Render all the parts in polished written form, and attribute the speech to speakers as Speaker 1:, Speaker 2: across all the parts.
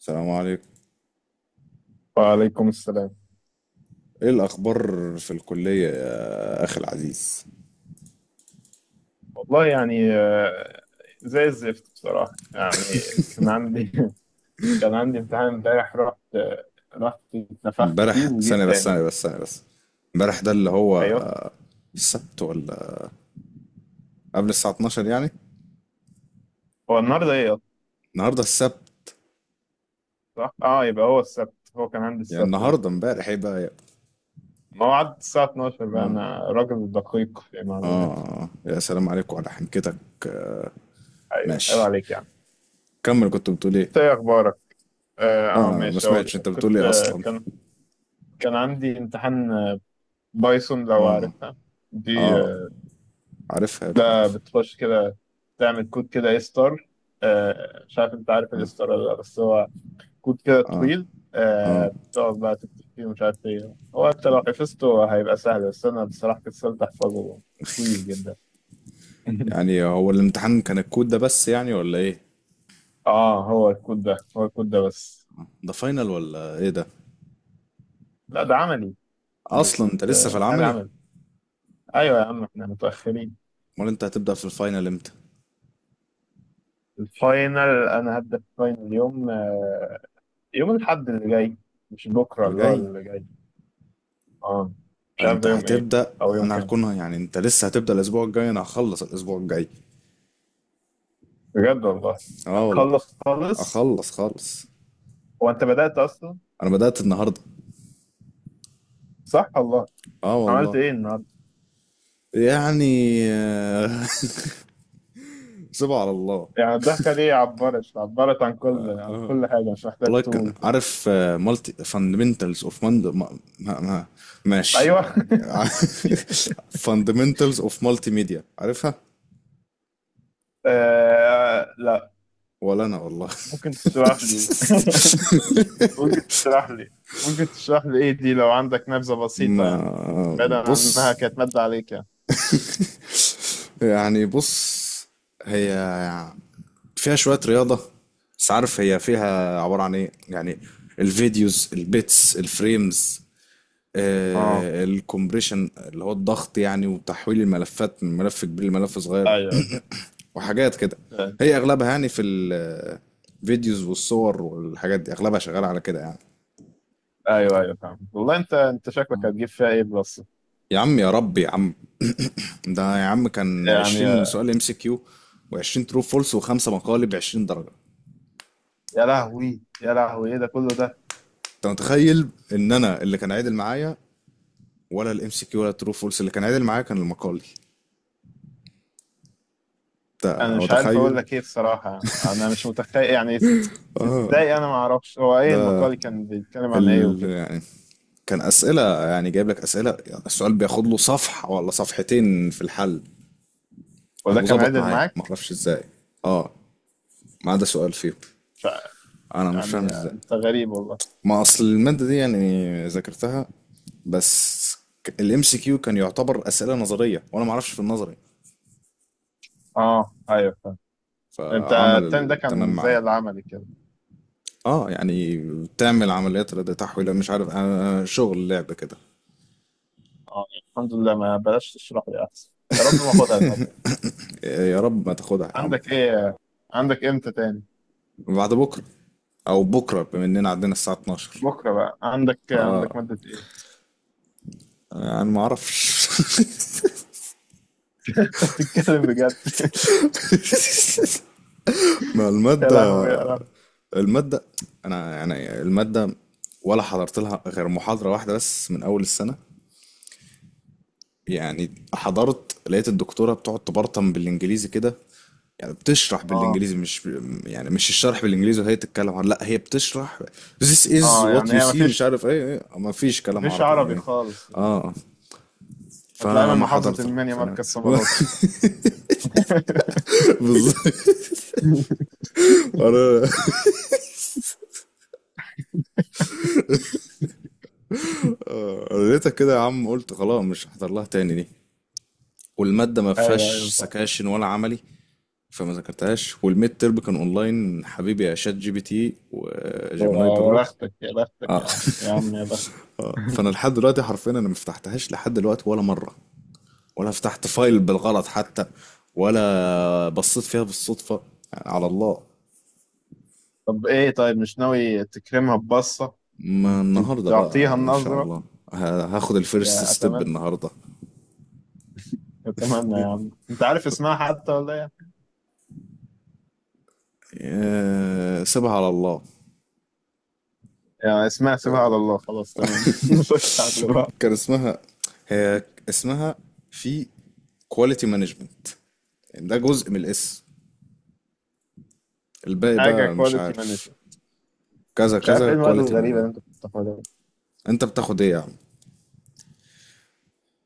Speaker 1: السلام عليكم.
Speaker 2: وعليكم السلام.
Speaker 1: ايه الاخبار في الكليه يا اخي العزيز؟
Speaker 2: والله يعني، زي الزفت بصراحة يعني. كان عندي كان عندي امتحان امبارح، رحت اتنفخت فيه
Speaker 1: امبارح
Speaker 2: وجيت
Speaker 1: ثانيه بس
Speaker 2: تاني.
Speaker 1: ثانيه بس ثانيه بس امبارح ده اللي هو
Speaker 2: ايوه.
Speaker 1: السبت ولا قبل الساعه 12 يعني؟
Speaker 2: هو النهارده ايه أصلاً؟
Speaker 1: النهارده السبت.
Speaker 2: صح، اه، يبقى هو السبت، هو كان عندي
Speaker 1: يعني
Speaker 2: السبت ده
Speaker 1: النهارده امبارح ايه بقى يا؟
Speaker 2: موعد الساعة 12. بقى
Speaker 1: اه
Speaker 2: انا راجل دقيق في المعلومات.
Speaker 1: يا سلام عليكم على حنكتك.
Speaker 2: ايوه، عيب
Speaker 1: ماشي،
Speaker 2: عليك يعني.
Speaker 1: كمل، كنت بتقول ايه؟
Speaker 2: انت ايه اخبارك؟
Speaker 1: لا، أنا ما
Speaker 2: ماشي، اقول
Speaker 1: سمعتش انت بتقول
Speaker 2: كنت
Speaker 1: ايه
Speaker 2: آه،
Speaker 1: اصلا.
Speaker 2: كان كان عندي امتحان، بايثون، لو
Speaker 1: اه
Speaker 2: عارفها. دي
Speaker 1: اه
Speaker 2: آه،
Speaker 1: عارفها يا ابني،
Speaker 2: ده
Speaker 1: عارف.
Speaker 2: بتخش كده تعمل كود كده، اي ستار، مش عارف انت عارف الاي ستار ولا لا، بس هو كود كده طويل. بتقعد بقى تكتب فيه ومش عارف ايه هو، انت لو حفظته هيبقى سهل، بس انا بصراحة كسلت احفظه، طويل جدا.
Speaker 1: يعني هو الامتحان كان الكود ده بس يعني ولا ايه؟
Speaker 2: اه، هو الكود ده بس.
Speaker 1: ده فاينل ولا ايه ده؟
Speaker 2: لا، ده عملي.
Speaker 1: اصلا انت لسه في
Speaker 2: بتعمل
Speaker 1: العملي؟
Speaker 2: عملي. ايوه يا عم، احنا متأخرين.
Speaker 1: امال انت هتبدأ في الفاينل امتى؟
Speaker 2: الفاينل؟ انا هبدأ الفاينل يوم، يوم الاحد اللي جاي، مش بكره،
Speaker 1: اللي
Speaker 2: اللي هو
Speaker 1: جاي؟
Speaker 2: اللي جاي. اه، مش عارف
Speaker 1: انت
Speaker 2: ده يوم ايه،
Speaker 1: هتبدأ؟
Speaker 2: او يوم
Speaker 1: انا
Speaker 2: كام.
Speaker 1: هكون يعني، انت لسه هتبدأ الاسبوع الجاي، انا هخلص الاسبوع الجاي.
Speaker 2: بجد والله؟
Speaker 1: اه والله.
Speaker 2: هتخلص خالص؟
Speaker 1: اخلص خالص.
Speaker 2: هو انت بدأت اصلا؟
Speaker 1: انا بدأت النهارده.
Speaker 2: صح والله؟
Speaker 1: اه
Speaker 2: عملت
Speaker 1: والله.
Speaker 2: ايه النهارده؟
Speaker 1: يعني سيبها على الله.
Speaker 2: يعني، الضحكه دي عبرت عن كل عن
Speaker 1: اه
Speaker 2: كل حاجه، مش محتاج
Speaker 1: والله كان
Speaker 2: تقول.
Speaker 1: عارف مالتي فاندمنتالز اوف ما ماشي.
Speaker 2: ايوه.
Speaker 1: فاندمنتالز اوف مالتي ميديا، عارفها؟
Speaker 2: آه، لا.
Speaker 1: ولا انا والله.
Speaker 2: ممكن تشرح لي، ممكن تشرح لي ممكن تشرح لي ايه دي، لو عندك نبذه بسيطه يعني،
Speaker 1: ما
Speaker 2: بعيدا عن انها
Speaker 1: بص،
Speaker 2: كانت ماده عليك يعني.
Speaker 1: يعني بص، هي فيها شوية رياضة، بس عارف هي فيها عبارة عن ايه يعني. الفيديوز، البيتس، الفريمز،
Speaker 2: اه،
Speaker 1: آه الكومبريشن اللي هو الضغط يعني، وتحويل الملفات من ملف كبير لملف صغير.
Speaker 2: ايوه،
Speaker 1: وحاجات كده. هي اغلبها يعني في الفيديوز والصور والحاجات دي، اغلبها شغالة على كده يعني.
Speaker 2: ايوه، ايوه، فاهم والله. انت شكلك هتجيب فيها ايه؟ بلس
Speaker 1: يا عم يا رب يا عم. ده يا عم كان
Speaker 2: يعني؟
Speaker 1: 20 سؤال ام سي كيو، و20 ترو فولس، وخمسة مقالب 20 درجة.
Speaker 2: يا لهوي يا لهوي، ايه ده كله ده؟
Speaker 1: انت متخيل؟ ان انا اللي كان عادل معايا، ولا الام سي كيو، ولا الترو فولس، اللي كان عادل معايا كان المقالي. انت
Speaker 2: انا مش عارف اقول
Speaker 1: متخيل؟
Speaker 2: لك ايه بصراحه، انا مش متخيل يعني. ازاي انا ما اعرفش هو ايه
Speaker 1: ده
Speaker 2: المقال، كان بيتكلم عن ايه وكده؟
Speaker 1: يعني كان اسئله، يعني جايب لك اسئله، يعني السؤال بياخد له صفحه ولا صفحتين في الحل.
Speaker 2: وده كان
Speaker 1: وظبط
Speaker 2: عدل
Speaker 1: معايا ما
Speaker 2: معاك؟
Speaker 1: اعرفش ازاي، اه، ما عدا سؤال فيهم.
Speaker 2: ف...
Speaker 1: انا مش فاهم
Speaker 2: يعني
Speaker 1: ازاي.
Speaker 2: انت غريب والله.
Speaker 1: ما اصل الماده دي يعني ذاكرتها بس. الام سي كيو كان يعتبر اسئله نظريه، وانا ما اعرفش في النظري،
Speaker 2: اه، ايوه فاهم. انت
Speaker 1: فعمل
Speaker 2: التاني ده
Speaker 1: التمام
Speaker 2: كان زي
Speaker 1: معايا.
Speaker 2: العملي كده؟
Speaker 1: اه يعني بتعمل عمليات رد تحويل مش عارف آه شغل لعب كده.
Speaker 2: اه، الحمد لله، ما بلاش تشرح لي احسن. يا رب ما اخدها الماده دي.
Speaker 1: يا رب ما تاخدها يا عم.
Speaker 2: عندك ايه؟ عندك امتى تاني؟
Speaker 1: بعد بكره، او بكره، بما اننا عندنا الساعه 12
Speaker 2: بكره بقى عندك ماده ايه؟
Speaker 1: يعني. ما اعرفش.
Speaker 2: انت بتتكلم بجد؟
Speaker 1: ما
Speaker 2: يا
Speaker 1: الماده،
Speaker 2: لهوي يا لهوي.
Speaker 1: الماده انا يعني الماده، ولا حضرت لها غير محاضره واحده بس من اول السنه. يعني حضرت لقيت الدكتورة بتقعد تبرطم بالانجليزي كده، يعني بتشرح
Speaker 2: اه،
Speaker 1: بالانجليزي مش يعني، مش الشرح بالانجليزي وهي تتكلم عن، لا هي بتشرح this is
Speaker 2: اه،
Speaker 1: what
Speaker 2: يعني
Speaker 1: you
Speaker 2: هي ما
Speaker 1: see مش
Speaker 2: فيش
Speaker 1: عارف ايه، إيه ما فيش كلام
Speaker 2: مفيش
Speaker 1: عربي
Speaker 2: عربي
Speaker 1: إيه.
Speaker 2: خالص.
Speaker 1: اه،
Speaker 2: هتلاقي من
Speaker 1: فما
Speaker 2: محافظة
Speaker 1: حضرت
Speaker 2: المنيا
Speaker 1: لها.
Speaker 2: مركز صمالوت.
Speaker 1: بالظبط. انا أنا لقيتها كده يا عم قلت خلاص مش هحضر لها تاني دي. والمادة ما
Speaker 2: ايوه
Speaker 1: فيهاش
Speaker 2: ايوه طبعا.
Speaker 1: سكاشن ولا عملي. فما ذاكرتهاش، والميد تيرم كان اونلاين، حبيبي يا شات جي بي تي وجيميناي
Speaker 2: يا
Speaker 1: برو.
Speaker 2: بختك يا بختك
Speaker 1: اه.
Speaker 2: يا عم، يا عم يا بختك.
Speaker 1: فانا لحد دلوقتي حرفيا انا ما فتحتهاش لحد دلوقتي ولا مره. ولا فتحت فايل بالغلط حتى. ولا بصيت فيها بالصدفه. على الله.
Speaker 2: طب ايه، طيب مش ناوي تكرمها ببصة،
Speaker 1: ما
Speaker 2: ت-
Speaker 1: النهارده
Speaker 2: تعطيها
Speaker 1: بقى ان شاء
Speaker 2: النظرة؟
Speaker 1: الله، هاخد الفيرست
Speaker 2: يا
Speaker 1: ستيب
Speaker 2: اتمنى
Speaker 1: النهارده.
Speaker 2: اتمنى يا عم. انت عارف اسمها حتى ولا ايه؟
Speaker 1: سيبها على الله.
Speaker 2: يعني اسمها سيبها على الله. خلاص، تمام. نخش على اللي بعد.
Speaker 1: كان اسمها، هي اسمها في كواليتي مانجمنت. ده جزء من الاسم، الباقي
Speaker 2: حاجة
Speaker 1: بقى مش
Speaker 2: كواليتي
Speaker 1: عارف.
Speaker 2: مانجمنت؟
Speaker 1: كذا
Speaker 2: مش عارف
Speaker 1: كذا
Speaker 2: ايه المواد
Speaker 1: كواليتي
Speaker 2: الغريبة اللي
Speaker 1: مانجمنت.
Speaker 2: انت بتاخدها.
Speaker 1: انت بتاخد ايه يا عم؟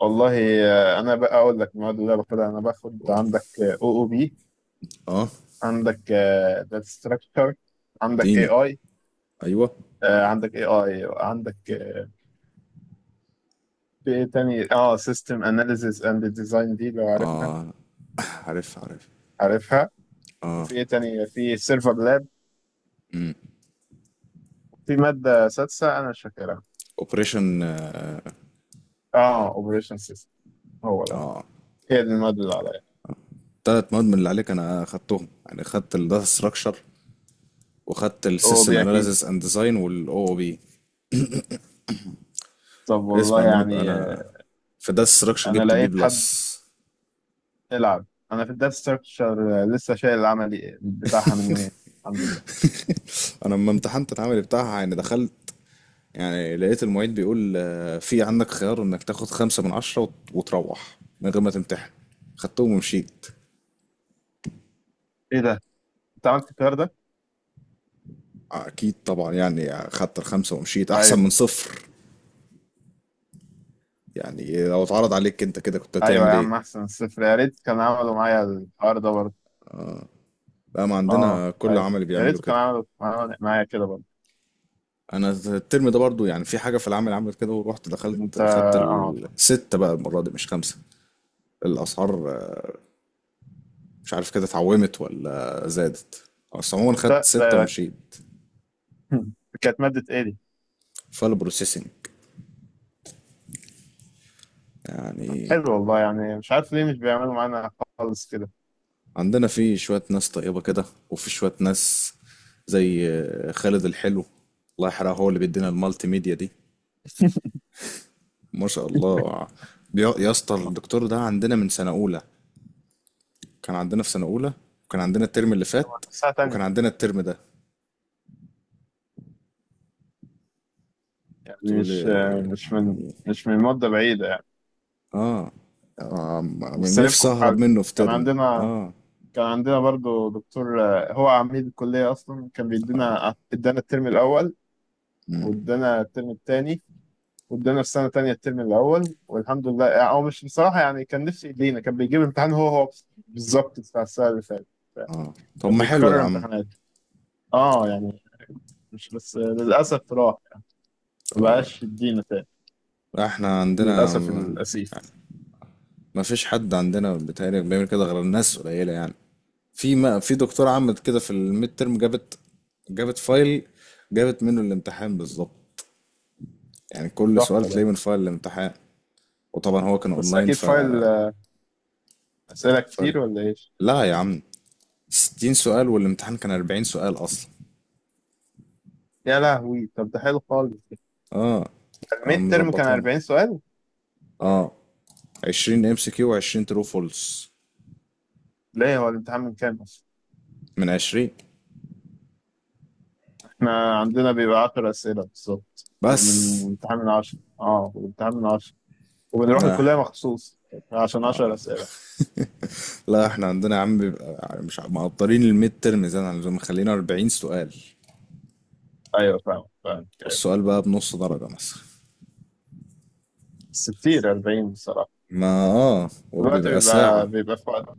Speaker 2: والله، انا بقى اقول لك المواد اللي انا باخدها. انا باخد
Speaker 1: قول.
Speaker 2: عندك او او بي،
Speaker 1: اه.
Speaker 2: عندك داتا ستراكشر، عندك اي
Speaker 1: اديني،
Speaker 2: اي
Speaker 1: ايوه.
Speaker 2: عندك اي اي عندك، في ايه تاني، اه سيستم اناليسيس اند ديزاين، دي لو عارفها؟
Speaker 1: اه عارف عارف.
Speaker 2: عارفها. وفي ايه تاني، في سيرفر لاب، في ماده سادسه انا مش فاكرها،
Speaker 1: اوبريشن، اه.
Speaker 2: اه اوبريشن سيستم، هو ده.
Speaker 1: آه.
Speaker 2: هي دي الماده اللي عليا.
Speaker 1: تلات مواد من اللي عليك انا خدتهم، يعني خدت الداتا ستراكشر، وخدت
Speaker 2: هو
Speaker 1: السيستم
Speaker 2: بي اكيد.
Speaker 1: اناليسيس اند ديزاين، والاو او بي.
Speaker 2: طب والله
Speaker 1: اسمع مني بقى،
Speaker 2: يعني،
Speaker 1: انا في الداتا ستراكشر
Speaker 2: انا
Speaker 1: جبت بي
Speaker 2: لقيت حد
Speaker 1: بلس.
Speaker 2: يلعب. انا في الداتا ستراكشر لسه شايل العملي بتاعها من يومين، الحمد لله.
Speaker 1: انا لما امتحنت العمل بتاعها يعني دخلت، يعني لقيت المعيد بيقول في عندك خيار انك تاخد 5 من 10 وت- وتروح من غير ما تمتحن. خدتهم ومشيت.
Speaker 2: ايه ده، انت عملت الكلام ده؟
Speaker 1: اكيد طبعا، يعني خدت الخمسة ومشيت احسن
Speaker 2: ايوه،
Speaker 1: من صفر. يعني لو اتعرض عليك انت كده كنت
Speaker 2: ايوه
Speaker 1: هتعمل
Speaker 2: يا
Speaker 1: ايه؟
Speaker 2: عم، احسن الصفر، يا ريت كان عملوا معايا الحوار ده برضه.
Speaker 1: بقى ما
Speaker 2: اه
Speaker 1: عندنا كل
Speaker 2: ايوه،
Speaker 1: عمل
Speaker 2: يا
Speaker 1: بيعملوا
Speaker 2: ريت كان
Speaker 1: كده.
Speaker 2: عملوا معايا كده برضه.
Speaker 1: انا الترم ده برضو يعني في حاجه في العمل عملت كده، ورحت
Speaker 2: انت
Speaker 1: دخلت خدت
Speaker 2: اه،
Speaker 1: الستة بقى المره دي، مش خمسه. الاسعار مش عارف كده اتعومت ولا زادت، بس عموما خدت
Speaker 2: انت
Speaker 1: ستة
Speaker 2: ده.
Speaker 1: ومشيت.
Speaker 2: كانت مادة ايه دي؟
Speaker 1: فال بروسيسنج
Speaker 2: طب
Speaker 1: يعني.
Speaker 2: حلو والله. يعني مش عارف ليه مش بيعملوا معانا خالص كده.
Speaker 1: عندنا في شويه ناس طيبه كده، وفي شويه ناس زي خالد الحلو الله يحرقه، هو اللي بيدينا المالتي ميديا دي، ما شاء الله. يا اسطى، الدكتور ده عندنا من سنة أولى، كان عندنا في سنة أولى، وكان عندنا الترم اللي
Speaker 2: طب
Speaker 1: فات،
Speaker 2: ساعة
Speaker 1: وكان
Speaker 2: تانية،
Speaker 1: عندنا الترم ده.
Speaker 2: يعني
Speaker 1: تقول لي
Speaker 2: مش مش من
Speaker 1: يعني،
Speaker 2: مش من مدة بعيدة يعني،
Speaker 1: اه، آه،
Speaker 2: مش
Speaker 1: من نفسي
Speaker 2: سايبكم في
Speaker 1: أهرب
Speaker 2: حاجة.
Speaker 1: منه في
Speaker 2: كان
Speaker 1: ترم.
Speaker 2: عندنا
Speaker 1: اه.
Speaker 2: كان عندنا برضه دكتور، هو عميد الكلية أصلا، كان بيدينا، ادانا الترم الأول، وادانا الترم التاني، وادانا في سنه تانية الترم الاول، والحمد لله يعني. هو مش بصراحه يعني، كان نفسي يدينا، كان بيجيب الامتحان هو هو بالظبط بتاع السنه اللي فاتت،
Speaker 1: اه طب
Speaker 2: كان
Speaker 1: ما حلو يا
Speaker 2: بيكرر
Speaker 1: عم.
Speaker 2: امتحانات، اه يعني. مش بس للاسف راح، ما بقاش يدينا تاني،
Speaker 1: احنا عندنا
Speaker 2: للاسف الاسيف.
Speaker 1: ما فيش حد عندنا بيتهيألي بيعمل كده غير الناس قليلة يعني. في، ما في دكتورة عملت كده في الميد ترم. جابت، فايل، جابت منه الامتحان بالظبط، يعني كل سؤال
Speaker 2: تحفه ده.
Speaker 1: تلاقيه من فايل الامتحان. وطبعا هو كان
Speaker 2: بس
Speaker 1: اونلاين،
Speaker 2: اكيد
Speaker 1: ف
Speaker 2: فايل، اسئله
Speaker 1: فرق.
Speaker 2: كتير ولا ايش؟
Speaker 1: لا يا عم، 60 سؤال، والامتحان كان 40 سؤال اصلا.
Speaker 2: يا لهوي، طب ده حلو خالص.
Speaker 1: اه. اه
Speaker 2: الميد ترم كان
Speaker 1: مظبطانا.
Speaker 2: 40 سؤال؟
Speaker 1: اه، 20 ام سي كيو و20 ترو فولس
Speaker 2: ليه هو الامتحان من كام اصلا؟
Speaker 1: من 20
Speaker 2: احنا عندنا بيبقى 10 اسئله بالظبط، ومن
Speaker 1: بس.
Speaker 2: الامتحان من 10، اه، والامتحان من 10، وبنروح
Speaker 1: لا
Speaker 2: الكليه مخصوص عشان 10 اسئله.
Speaker 1: لا احنا عندنا يا عم بيبقى مش مقدرين الميد ترم زي ما عايزين، مخلينا 40 سؤال،
Speaker 2: ايوه، فاهم فاهم.
Speaker 1: والسؤال بقى بنص درجة مثلا.
Speaker 2: بس كتير 40 بصراحه.
Speaker 1: ما اه،
Speaker 2: دلوقتي
Speaker 1: وبيبقى
Speaker 2: بيبقى
Speaker 1: ساعة.
Speaker 2: بيبقى في وقت،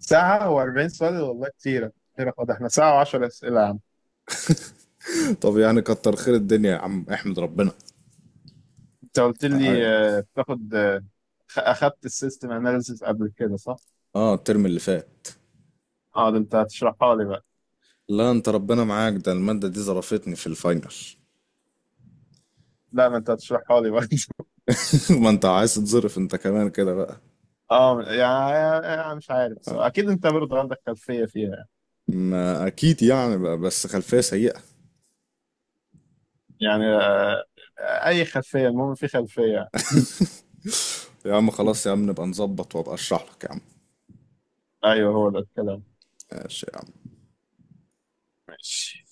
Speaker 2: ساعه و40 سؤال والله كتير، كتير خد. احنا ساعه و10 اسئله يا عم.
Speaker 1: طب يعني كتر خير الدنيا يا عم، احمد ربنا.
Speaker 2: انت قلت لي، بتاخد، اخدت السيستم اناليسيس قبل كده، صح؟
Speaker 1: اه الترم اللي فات.
Speaker 2: اه، ده انت هتشرحها لي بقى.
Speaker 1: لا، انت ربنا معاك، ده المادة دي ظرفتني في الفاينل.
Speaker 2: لا، ما انت هتشرحها لي بقى.
Speaker 1: ما انت عايز تظرف انت كمان كده بقى.
Speaker 2: اه يعني، انا مش عارف بصراحة. اكيد انت برضه عندك خلفيه فيها.
Speaker 1: ما اكيد يعني بقى، بس خلفية سيئة.
Speaker 2: يعني، اي خلفيه، المهم في خلفيه.
Speaker 1: يا عم خلاص يا عم نبقى نظبط وابقى اشرح لك يا عم.
Speaker 2: ايوه، هو ده الكلام.
Speaker 1: ماشي يا عم.
Speaker 2: ماشي.